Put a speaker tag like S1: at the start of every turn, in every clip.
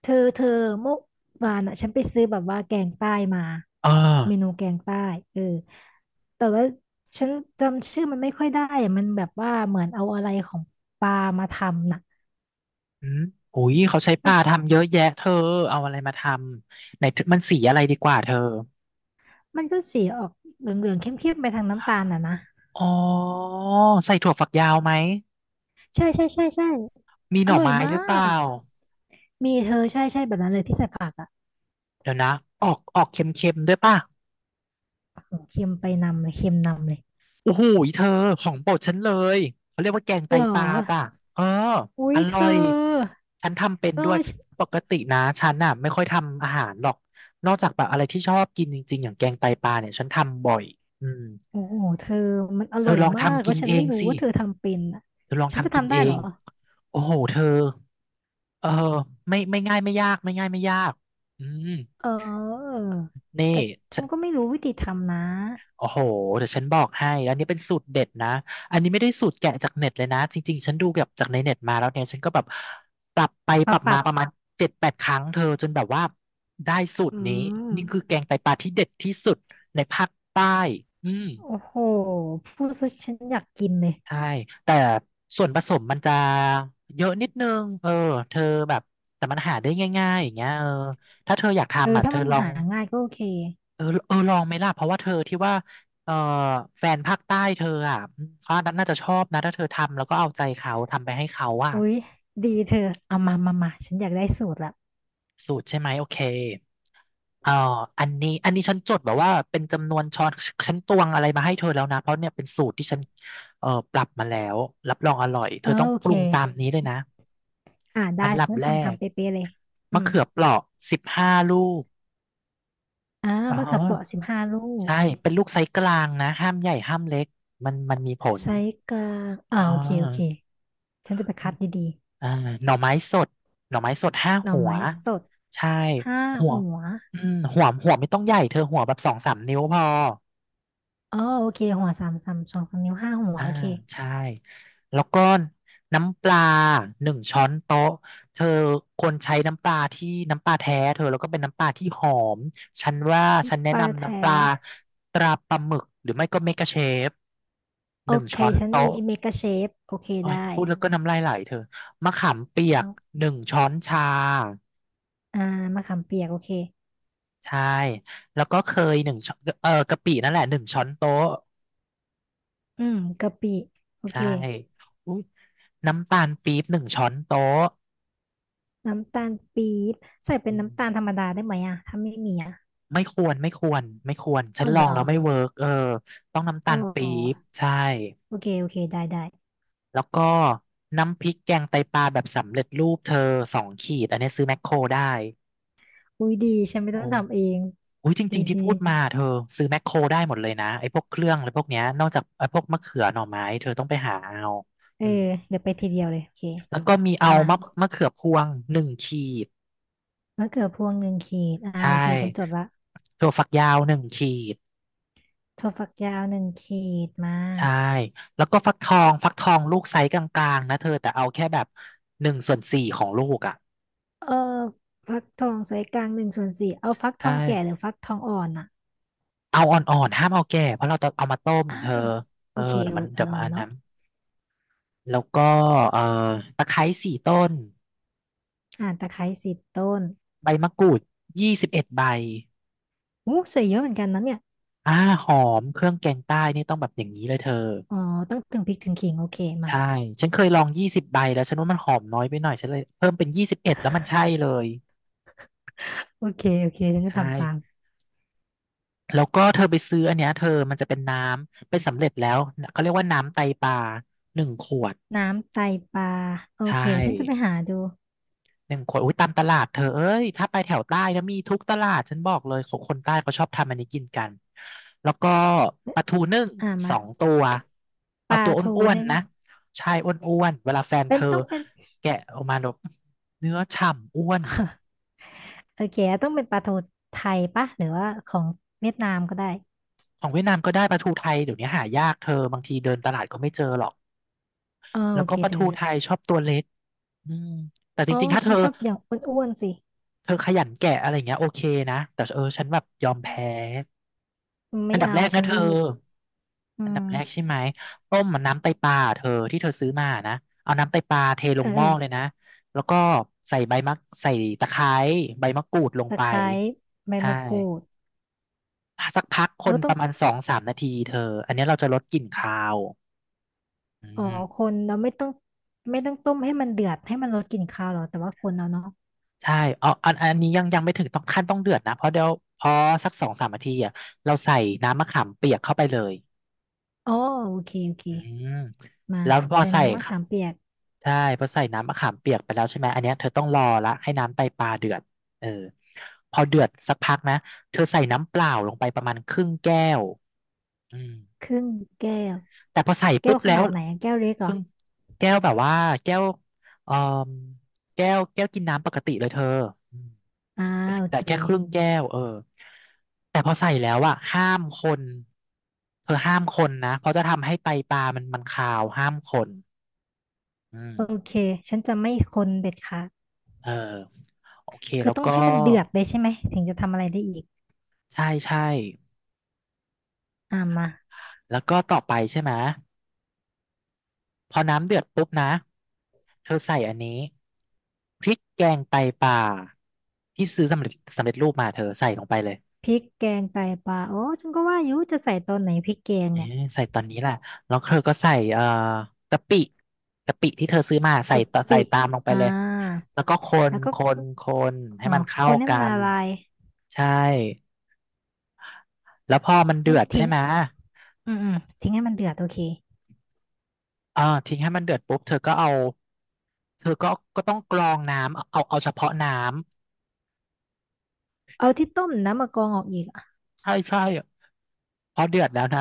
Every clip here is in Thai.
S1: เธอเมื่อวานอ่ะฉันไปซื้อแบบว่าแกงใต้มา
S2: เออ
S1: เมนูแกงใต้เออแต่ว่าฉันจำชื่อมันไม่ค่อยได้อะมันแบบว่าเหมือนเอาอะไรของปลามาทำน่ะ
S2: อืมโอ้ยเขาใช้ปลาทำเยอะแยะเธอ เอาอะไรมาทำไหนมันสีอะไรดีกว่าเธอ
S1: มันก็สีออกเหลืองๆเข้มๆไปทางน้ำตาลน่ะนะ
S2: อ๋อใส่ถั่วฝักยาวไหม
S1: ใช่ใช่ใช่ใช่
S2: มีห
S1: อ
S2: น่อ
S1: ร่อย
S2: ไม้
S1: มา
S2: หรือเปล่า
S1: กมีเธอใช่ใช่แบบนั้นเลยที่ใส่ผักอ่ะ
S2: เดี๋ยวนะ ออกเค็มๆด้วยป่ะ
S1: โอ้โหเค็มไปนำเลยเค็มนำเลย
S2: โอ้โหเธอของโปรดฉันเลย เขาเรียกว่าแกงไต
S1: เหรอ
S2: ปลาจ้ะเออ
S1: อุ้
S2: อ
S1: ยเธ
S2: ร่อ
S1: อ
S2: ยฉันทำเป็น
S1: เอ
S2: ด้วย
S1: อ
S2: ปกตินะฉันน่ะไม่ค่อยทำอาหารหรอก นอกจากแบบอะไรที่ชอบกินจริงๆอย่างแกงไตปลาเนี่ยฉันทำบ่อยอืม
S1: โอ้โหเธอมันอ
S2: เธ
S1: ร่อ
S2: อ
S1: ย
S2: ลอง
S1: มาก
S2: ทำ
S1: แล้
S2: กิ
S1: ว
S2: น
S1: ฉัน
S2: เอ
S1: ไม่
S2: ง
S1: รู้
S2: สิ
S1: ว่าเธอทำเป็นอ่ะ
S2: เธอลอง
S1: ฉันจะ
S2: ทำกิน
S1: ทำได้
S2: เอ
S1: เหร
S2: ง
S1: อ
S2: โอ้โหเธอเออไม่ง่ายไม่ยากไม่ง่ายไม่ยากอืม
S1: เออ
S2: นี่
S1: แต่
S2: ฉั
S1: ฉัน
S2: น
S1: ก็ไม่รู้วิธีทำนะ
S2: โอ้โหเดี๋ยวฉันบอกให้แล้วอันนี้เป็นสูตรเด็ดนะอันนี้ไม่ได้สูตรแกะจากเน็ตเลยนะจริงๆฉันดูแบบจากในเน็ตมาแล้วเนี่ยฉันก็แบบปรับไปป
S1: มา
S2: รับ
S1: ป
S2: มา
S1: รับ
S2: ประมาณ7-8 ครั้งเธอจนแบบว่าได้สูต
S1: อื
S2: รนี้
S1: ม
S2: นี่คือแกงไตปลาที่เด็ดที่สุดในภาคใต้อืม
S1: โอ้โหพูดซะฉันอยากกินเลย
S2: ใช่แต่ส่วนผสมมันจะเยอะนิดนึงเออเธอแบบแต่มันหาได้ง่ายๆอย่างเงี้ยเออถ้าเธออยาก
S1: เอ
S2: ทำ
S1: อ
S2: อ่ะเธ
S1: ถ้า
S2: อ
S1: มัน
S2: ลอง
S1: หาง่ายก็โอเค
S2: เออเออลองไหมล่ะเพราะว่าเธอที่ว่าเออแฟนภาคใต้เธออ่ะเขาน่าจะชอบนะถ้าเธอทำแล้วก็เอาใจเขาทำไปให้เขาอ่ะ
S1: อุ๊ยดีเธอเอามามามาฉันอยากได้สูตรละ
S2: สูตรใช่ไหมโอเคเอออันนี้อันนี้ฉันจดแบบว่าเป็นจำนวนช้อนฉันตวงอะไรมาให้เธอแล้วนะเพราะเนี่ยเป็นสูตรที่ฉันเออปรับมาแล้วรับรองอร่อยเธ
S1: เอ
S2: อ
S1: อ
S2: ต้อง
S1: โอ
S2: ป
S1: เค
S2: รุงตามนี้เลยนะ
S1: ได้
S2: อันดั
S1: ฉั
S2: บ
S1: น
S2: แร
S1: ทำ
S2: ก
S1: ทำเป๊ะๆเลยอื
S2: มะ
S1: ม
S2: เขือเปราะ15 ลูก
S1: อ่า
S2: อ๋
S1: มะเขือเปราะ
S2: อ
S1: 15 ลูก
S2: ใช่เป็นลูกไซส์กลางนะห้ามใหญ่ห้ามเล็กมันมีผล
S1: ใช้กลาง
S2: อ๋
S1: โอเคโอเค
S2: อ
S1: ฉันจะไปคัดดี
S2: อ่าหน่อไม้สดหน่อไม้สดห้า
S1: ๆหน่อ
S2: หัว
S1: ไม้สด
S2: ใช่
S1: ห้า
S2: หัว
S1: หัว
S2: อืมหัวไม่ต้องใหญ่เธอหัวแบบ2-3 นิ้วพอ
S1: อ๋อโอเคหัวสองสามนิ้วห้าหัว
S2: อ่า
S1: โอเค
S2: ใช่แล้วก็น้ำปลาหนึ่งช้อนโต๊ะเธอควรใช้น้ำปลาที่น้ำปลาแท้เธอแล้วก็เป็นน้ำปลาที่หอมฉันว่าฉันแนะ
S1: ปลา
S2: นำ
S1: แท้
S2: น้ำปลาตราปลาหมึกหรือไม่ก็เมกะเชฟห
S1: โอ
S2: นึ่ง
S1: เค
S2: ช้อน
S1: ฉัน
S2: โต๊ะ
S1: มีเมกาเชฟโอเค
S2: โอ้ย
S1: ได้
S2: พูดแล้วก็น้ำลายไหลเธอมะขามเปียก
S1: เนาะ
S2: หนึ่งช้อนชา
S1: อ่ามะขามเปียกโอเค
S2: ใช่แล้วก็เคยหนึ่งช้อนเออกะปินั่นแหละหนึ่งช้อนโต๊ะ
S1: อืมกะปิโอเค
S2: ใช่อุ๊ยน้ำตาลปี๊บหนึ่งช้อนโต๊ะ
S1: น้ำตาลปี๊บใส่เป็
S2: อื
S1: นน้ำ
S2: ม
S1: ตาลธรรมดาได้ไหมอ่ะถ้าไม่มีอ่ะ
S2: ไม่ควรไม่ควรไม่ควรฉั
S1: อ๋
S2: น
S1: อ
S2: ล
S1: เห
S2: อ
S1: ร
S2: ง
S1: อ
S2: แล้วไม่เวิร์กเออต้องน้ำตา
S1: อ๋
S2: ลปี๊บ
S1: อ
S2: ใช่
S1: โอเคโอเคได้ได้
S2: แล้วก็น้ำพริกแกงไตปลาแบบสำเร็จรูปเธอ2 ขีดอันนี้ซื้อแมคโครได้
S1: อุ้ยดีฉันไม่
S2: โอ้
S1: ต้องทำเอง
S2: อุ้ยจ
S1: ดี
S2: ริงๆที่
S1: ดี
S2: พูดมาเธอซื้อแมคโครได้หมดเลยนะไอ้พวกเครื่องอะไรพวกเนี้ยนอกจากไอ้พวกมะเขือหน่อไม้เธอต้องไปหาเอา
S1: เอ
S2: อื
S1: อ
S2: ม
S1: เดี๋ยวไปทีเดียวเลยโอเค
S2: แล้วก็มีเอา
S1: มา
S2: มะเขือพวงหนึ่งขีด
S1: มะเขือพวงหนึ่งขีด
S2: ใช่
S1: โอเคฉันจดละ
S2: ถั่วฝักยาวหนึ่งขีด
S1: ถั่วฝักยาวหนึ่งขีดมา
S2: ใช่ แล้วก็ฟักทอง ฟักทองลูกไซส์กลางๆนะเธอ แต่เอาแค่แบบ1/4ของลูกอ่ะ
S1: เออฟักทองไซส์กลาง1/4เอาฟักท
S2: ใช่
S1: องแก่หรือฟักทองอ่อนอ่ะ
S2: เอาอ่อนๆห้ามเอาแก่ เพราะเราจะเอามาต้มเธอเอ
S1: โอ
S2: อ
S1: เค
S2: เดี๋ยว
S1: เอา
S2: มันเดี๋ยว
S1: อ่
S2: มา
S1: อ
S2: น
S1: น
S2: อั
S1: ๆ
S2: น
S1: เนาะ
S2: นั้นแล้วก็เอ่อตะไคร้4 ต้น
S1: อ่าตะไคร้10 ต้น
S2: ใบมะกรูด21 ใบ
S1: โอ้ใส่เยอะเหมือนกันนะเนี่ย
S2: อ่าหอมเครื่องแกงใต้นี่ต้องแบบอย่างนี้เลยเธอ
S1: อ๋อต้องถึงพริกถึงขิงโอเคมา
S2: ใช่ ฉันเคยลอง20 ใบแล้วฉันว่ามันหอมน้อยไปหน่อยฉันเลยเพิ่มเป็นยี่สิบเอ็ดแล้วมันใช่เลย
S1: โอเคโอเคฉันจะ
S2: ใช่
S1: ทำตาม
S2: แล้วก็เธอไปซื้ออันเนี้ยเธอมันจะเป็นน้ำเป็นสำเร็จแล้วเขาเรียกว่าน้ำไตปลาหนึ่งขวด
S1: น้ำไตปลาโอ
S2: ใช่
S1: เคเดี๋ยวฉันจะไปหาดู
S2: หนึ่งขวดอุ้ยตามตลาดเธอเอ้ยถ้าไปแถวใต้นะมีทุกตลาดฉันบอกเลยของคนใต้เขาชอบทำอันนี้กินกันแล้วก็ปลาทูนึ่ง
S1: อ่า
S2: ส
S1: มา
S2: องตัว
S1: ป
S2: เอา
S1: ลา
S2: ตัวอ
S1: ทู
S2: ้วน
S1: นึ่ง
S2: ๆนะใช่อ้วนๆเวลาแฟนเธ
S1: เป็น
S2: อ
S1: ต้องเป็น
S2: แกะออกมาแบบเนื้อฉ่ำอ้วน
S1: โอเคต้องเป็นปลาทูไทยปะหรือว่าของเวียดนามก็ได้
S2: ของเวียดนามก็ได้ปลาทูไทยเดี๋ยวนี้หายากเธอบางทีเดินตลาดก็ไม่เจอหรอก
S1: เออ
S2: แล้
S1: โอ
S2: วก็
S1: เค
S2: ปลา
S1: เธ
S2: ทู
S1: อ
S2: ไทยชอบตัวเล็ก อืมแต่จ
S1: อ๋อ
S2: ริงๆ ถ้าเธ
S1: ฉัน
S2: อ
S1: ชอบอย่างอ้วนๆสิ
S2: เธอขยันแกะอะไรอย่างเงี้ยโอเคนะแต่เออฉันแบบยอมแพ้
S1: ไม่
S2: อันดับ
S1: เอา
S2: แรก
S1: ฉั
S2: นะ
S1: น
S2: เธอ
S1: รีบอื
S2: อัน
S1: ม
S2: ดับแรกใช่ไหมต้มมันน้ำไตปลาเธอที่เธอซื้อมานะเอาน้ำไตปลาเทล
S1: เอ
S2: ง
S1: อ
S2: ห
S1: เอ
S2: ม้
S1: อ
S2: อเลยนะแล้วก็ใส่ใบมะใส่ตะไคร้ใบมะกรูดลง
S1: ตะ
S2: ไป
S1: ไคร้ใบ
S2: ใช่
S1: มะกรูด
S2: สักพักค
S1: แล้
S2: น
S1: วต้
S2: ป
S1: อง
S2: ระมาณ2-3 นาทีเธออันนี้เราจะลดกลิ่นคาวอื
S1: อ๋อ
S2: ม
S1: คนเราไม่ต้องไม่ต้องต้มให้มันเดือดให้มันลดกลิ่นคาวหรอ แต่ว่าคนเราเนาะ
S2: ใช่เอาอันนี้ยังไม่ถึงต้องขั้นต้องเดือดนะ เพราะเดี๋ยวพอสักสองสามนาทีอ่ะเราใส่น้ำมะขามเปียกเข้าไปเลย
S1: อ๋อโอเคโอเค
S2: อืม
S1: มา
S2: แล้วพอ
S1: ใส่
S2: ใส่
S1: น้ำมะ
S2: ค่ะ
S1: ขามเปียก
S2: ใช่พอใส่น้ำมะขามเปียกไปแล้วใช่ไหมอันเนี้ยเธอต้องรอละให้น้ำไตปลาเดือดเออพอเดือดสักพักนะเธอใส่น้ำเปล่าลงไปประมาณครึ่งแก้วอืม
S1: ครึ่งแก้ว
S2: แต่พอใส่
S1: แก้
S2: ปุ๊
S1: ว
S2: บ
S1: ข
S2: แล้
S1: นา
S2: ว
S1: ดไหนอะแก้วเล็กเห
S2: ค
S1: รอ
S2: รึ่งแก้วแบบว่าแก้วเอ่อแก้วกินน้ำปกติเลยเธออืม
S1: อ่าโอ
S2: แต่
S1: เค
S2: แค่ครึ่งแก้วเออแต่พอใส่แล้วอะห้ามคนเธอห้ามคนนะเพราะจะทำให้ไตปลามันคาวห้ามคนอืม
S1: โอเคฉันจะไม่คนเด็ดขาด
S2: เออโอเค
S1: คื
S2: แล้
S1: อ
S2: ว
S1: ต้อง
S2: ก็
S1: ให้มันเดือดเลยใช่ไหมถึงจะทำอะไรได้อีก
S2: ใช่ใช่
S1: อ่ามา
S2: แล้วก็ต่อไปใช่ไหมพอน้ำเดือดปุ๊บนะเธอใส่อันนี้พริกแกงไตปลาที่ซื้อสำเร็จรูปมาเธอใส่ลงไปเลย
S1: พริกแกงไตปลาโอ้ฉันก็ว่าอยู่จะใส่ตอนไหนพริกแกง
S2: เอ๊
S1: เนี่ย
S2: ะใส่ตอนนี้แหละแล้วเธอก็ใส่กะปิกะปิที่เธอซื้อมา
S1: กะ
S2: ใส่
S1: ปิ
S2: ตามลงไป
S1: อ่า
S2: เลยแล้วก็คน
S1: แล้วก็
S2: คนคนให้
S1: เอ่อ
S2: มัน
S1: ค
S2: เข้า
S1: นให้
S2: กั
S1: มันละ
S2: น
S1: ลาย
S2: ใช่แล้วพอมัน
S1: แล้
S2: เดื
S1: ว
S2: อดใช่
S1: ทิ้ง
S2: ไหม
S1: อืมอืมทิ้งให้มันเดือดโอเค
S2: เออทิ้งให้มันเดือดปุ๊บเธอก็เอาเธอก็ต้องกรองน้ำเอาเฉพาะน้
S1: เอาที่ต้มน้ำมะกรองออกอีกอ่ะ
S2: ำใช่ใช่พอเดือดแล้วนะ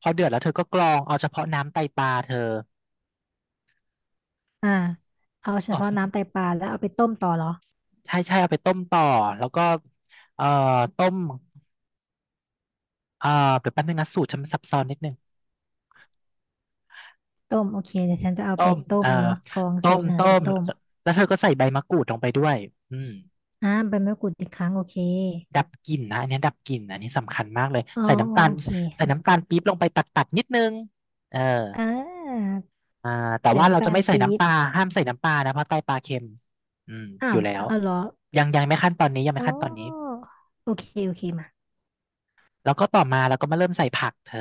S2: พอเดือดแล้วเธอก็กรองเอาเฉพาะน้ำไตปลาเธอ
S1: อ่าเอาเฉ
S2: เอา
S1: พาะน้ำไต
S2: อ
S1: ปลาแล้วเอาไปต้มต่อเหรอ
S2: ใช่ใช่เอาไปต้มต่อแล้วก็เอ่อต้ม เอ่อเดี๋ยวแป๊บนึงนะสูตรฉันซับซ้อนนิดนึง
S1: ต้มโอเคเดี๋ยวฉันจะเอา
S2: ต้
S1: ไป
S2: ม
S1: ต้
S2: เอ่อ
S1: มเนาะกรอง
S2: ต้
S1: เสร็จ
S2: ม
S1: เออ
S2: ต้
S1: ไป
S2: ม
S1: ต้ม
S2: แล้วเธอก็ใส่ใบมะกรูดลงไปด้วยอืม
S1: อ่าใบมะกรูดอีกครั้งโอเค
S2: ดับกลิ่นนะอันนี้ดับกลิ่นอันนี้สำคัญมากเลย
S1: อ๋อโอเค
S2: ใส่น้ำตาลปี๊บลงไปตัดนิดนึงเออ
S1: อ่า
S2: อ่าแต่
S1: ใส่
S2: ว่าเรา
S1: น้ำ
S2: จะ
S1: ตาล
S2: ไม่ใส่
S1: ปี๊
S2: น้ำป
S1: บ
S2: ลาห้ามใส่น้ำปลานะเพราะใตปลาเค็มอืม
S1: อ้า
S2: อ
S1: ว
S2: ยู่แล้ว
S1: เอาเหรอ
S2: ยังไม่ขั้นตอนนี้ยังไม่
S1: อ๋อ
S2: ขั้นตอนนี้
S1: โอเคโอเคมา
S2: แล้วก็ต่อมาเราก็มาเริ่มใส่ผักเธอ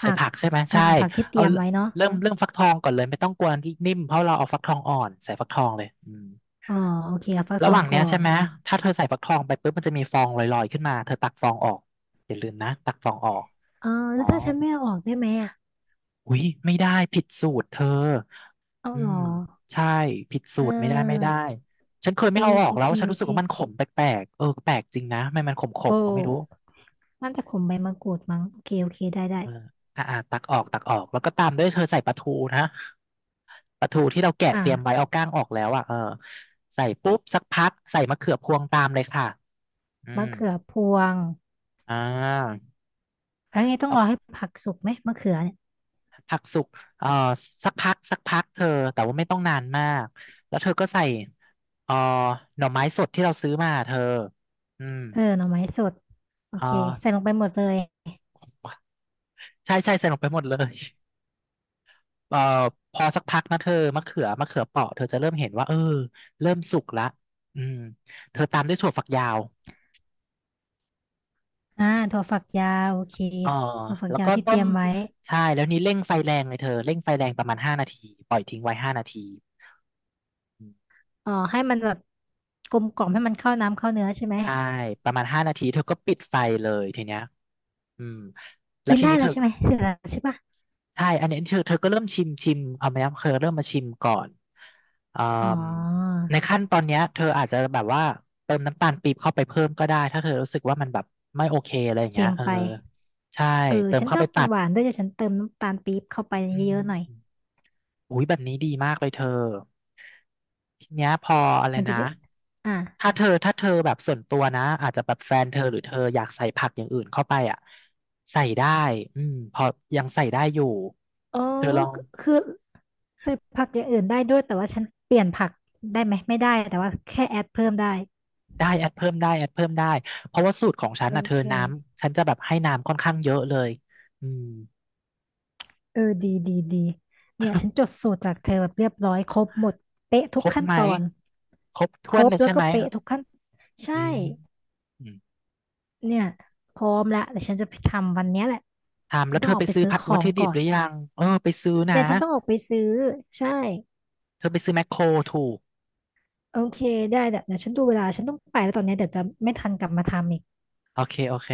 S2: ใส่
S1: ัก
S2: ผักใช่ไหม
S1: อ่า
S2: ใช่
S1: ผักที่เต
S2: เอา
S1: รียมไว้เนาะ
S2: เริ่มฟักทองก่อนเลยไม่ต้องกลัวที่นิ่มเพราะเราเอาฟักทองอ่อนใส่ฟักทองเลยอืม
S1: อ๋อโอเคเอาฟักท
S2: ระห
S1: อง
S2: ว่างเนี้
S1: ก่อ
S2: ยใช่
S1: น
S2: ไหมถ้าเธอใส่ฟักทองไปปุ๊บมันจะมีฟองลอยๆขึ้นมาเธอตักฟองออกอย่าลืมนะตักฟองออก
S1: อ๋อ
S2: อ๋อ
S1: แล้วถ้าฉันไม่เอาออกได้ไหมอ่ะ
S2: อุ๊ยไม่ได้ผิดสูตรเธอ
S1: เอา
S2: อื
S1: เหรอ
S2: มใช่ผิดสู
S1: อ่
S2: ตรไม่ได้ไม่ได้
S1: า
S2: ฉันเคย
S1: เอ
S2: ไม่เอา
S1: อ
S2: ออก
S1: โอ
S2: แล้
S1: เค
S2: วฉัน
S1: โอ
S2: รู้สึ
S1: เค
S2: กว่ามันขมแปลกๆเออแปลกจริงนะไม่มันข
S1: โอ
S2: มๆก็ไม่รู้
S1: ้น่าจะขมใบมะกรูดมั้งโอเคโอเคได้ได้
S2: เอออ่าอ่าตักออกตักออกแล้วก็ตามด้วยเธอใส่ปลาทูนะปลาทูที่เราแกะเตรียมไว้
S1: อ่า
S2: เอาก้างออกแล้วอ่ะเออใส่ปุ๊บสักพักใส่มะเขือพวงตามเลยค่ะอื
S1: มะ
S2: ม
S1: เขือพวง
S2: อ่า
S1: แล้วไงต้องรอให้ผักสุกไหมมะเขือเนี่ย
S2: ผักสุกเอ่อสักพักสักพักเธอแต่ว่าไม่ต้องนานมากแล้วเธอก็ใส่เอ่อหน่อไม้สดที่เราซื้อมาเธออืม
S1: เออหน่อไม้สดโอ
S2: เอ่อ
S1: เคใส่ลงไปหมดเลย
S2: ใช่ใช่ใส่ลงไปหมดเลยเอ่อพอสักพักนะเธอมะเขือเปราะเธอจะเริ่มเห็นว่าเออเริ่มสุกละอืมเธอตามด้วยถั่วฝักยาว
S1: อ่าถั่วฝักยาวโอเค
S2: เอ่อ
S1: ถั่วฝัก
S2: แล้ว
S1: ยา
S2: ก็
S1: วที่
S2: ต้
S1: เตรี
S2: ม
S1: ยมไว้
S2: ใช่แล้วนี่เร่งไฟแรงเลยเธอเร่งไฟแรงประมาณห้านาทีปล่อยทิ้งไว้ห้านาที
S1: อ๋อให้มันแบบกลมกล่อมให้มันเข้าน้ำเข้าเนื้อใช่ไหม
S2: ใช่ประมาณ5 นาทีเธอก็ปิดไฟเลยทีเนี้ยอืมแล้ว
S1: กิน
S2: ที
S1: ได้
S2: นี้เธ
S1: แล้ว
S2: อ
S1: ใช่ไหมเสร็จแล้วใช่ปะ
S2: ใช่อันนี้เธอก็เริ่มชิมชิมเอาไหมครับเธอเริ่มมาชิมก่อนอื
S1: อ๋อ
S2: มในขั้นตอนเนี้ยเธออาจจะแบบว่าเติมน้ำตาลปี๊บเข้าไปเพิ่มก็ได้ถ้าเธอรู้สึกว่ามันแบบไม่โอเคอะไรอย่างเงี้
S1: เค็
S2: ย
S1: ม
S2: เออ
S1: ไป
S2: ใช่
S1: เออ
S2: เติม
S1: ฉัน
S2: เข้า
S1: ชอ
S2: ไป
S1: บกิ
S2: ตั
S1: น
S2: ด
S1: หวานด้วยเดี๋ยวฉันเติมน้ำตาลปี๊บเข้าไป
S2: อื
S1: เยอะๆหน่อย
S2: ม อุ้ยแบบนี้ดีมากเลยเธอทีเนี้ยพออะไร
S1: มันจะ
S2: นะ
S1: ได้อ่ะ
S2: ถ้าเธอแบบส่วนตัวนะอาจจะแบบแฟนเธอหรือเธออยากใส่ผักอย่างอื่นเข้าไปอ่ะใส่ได้อืมพอยังใส่ได้อยู่
S1: อ๋อ
S2: เธอลอง
S1: คือคือใส่ผักอย่างอื่นได้ด้วยแต่ว่าฉันเปลี่ยนผักได้ไหมไม่ได้แต่ว่าแค่แอดเพิ่มได้
S2: ได้แอดเพิ่มได้แอดเพิ่มได้เพราะว่าสูตรของฉัน
S1: โอ
S2: อ่ะเธอ
S1: เค
S2: น้ำฉันจะแบบให้น้ำค่อนข้างเยอะเลยอืม
S1: เออดีดีดีเนี่ยฉันจดสูตรจากเธอแบบเรียบร้อยครบหมดเป๊ะทุ
S2: ค
S1: ก
S2: รบ
S1: ขั้น
S2: ไหม
S1: ตอน
S2: ครบถ้
S1: ค
S2: ว
S1: ร
S2: น
S1: บ
S2: เลย
S1: แล้
S2: ใช่
S1: ว
S2: ไห
S1: ก็
S2: ม
S1: เป๊ะทุกขั้น
S2: อื
S1: ใช่
S2: มอืม
S1: เนี่ยพร้อมละแต่ฉันจะไปทำวันเนี้ยแหละ
S2: ถาม
S1: ฉั
S2: แล้
S1: น
S2: ว
S1: ต้
S2: เธ
S1: อง
S2: อ
S1: ออ
S2: ไป
S1: กไป
S2: ซื้อ
S1: ซื้อ
S2: ผัด
S1: ข
S2: วั
S1: อ
S2: ต
S1: ง
S2: ถุดิ
S1: ก่
S2: บ
S1: อ
S2: ห
S1: น
S2: รือยังเออไปซื้อนะ
S1: แต่ฉันต้องออกไปซื้อใช่
S2: เธอไปซื้อแมคโครถูก
S1: โอเคได้แต่เดี๋ยวฉันดูเวลาฉันต้องไปแล้วตอนเนี้ยเดี๋ยวจะไม่ทันกลับมาทำอีก
S2: โอเค โอเค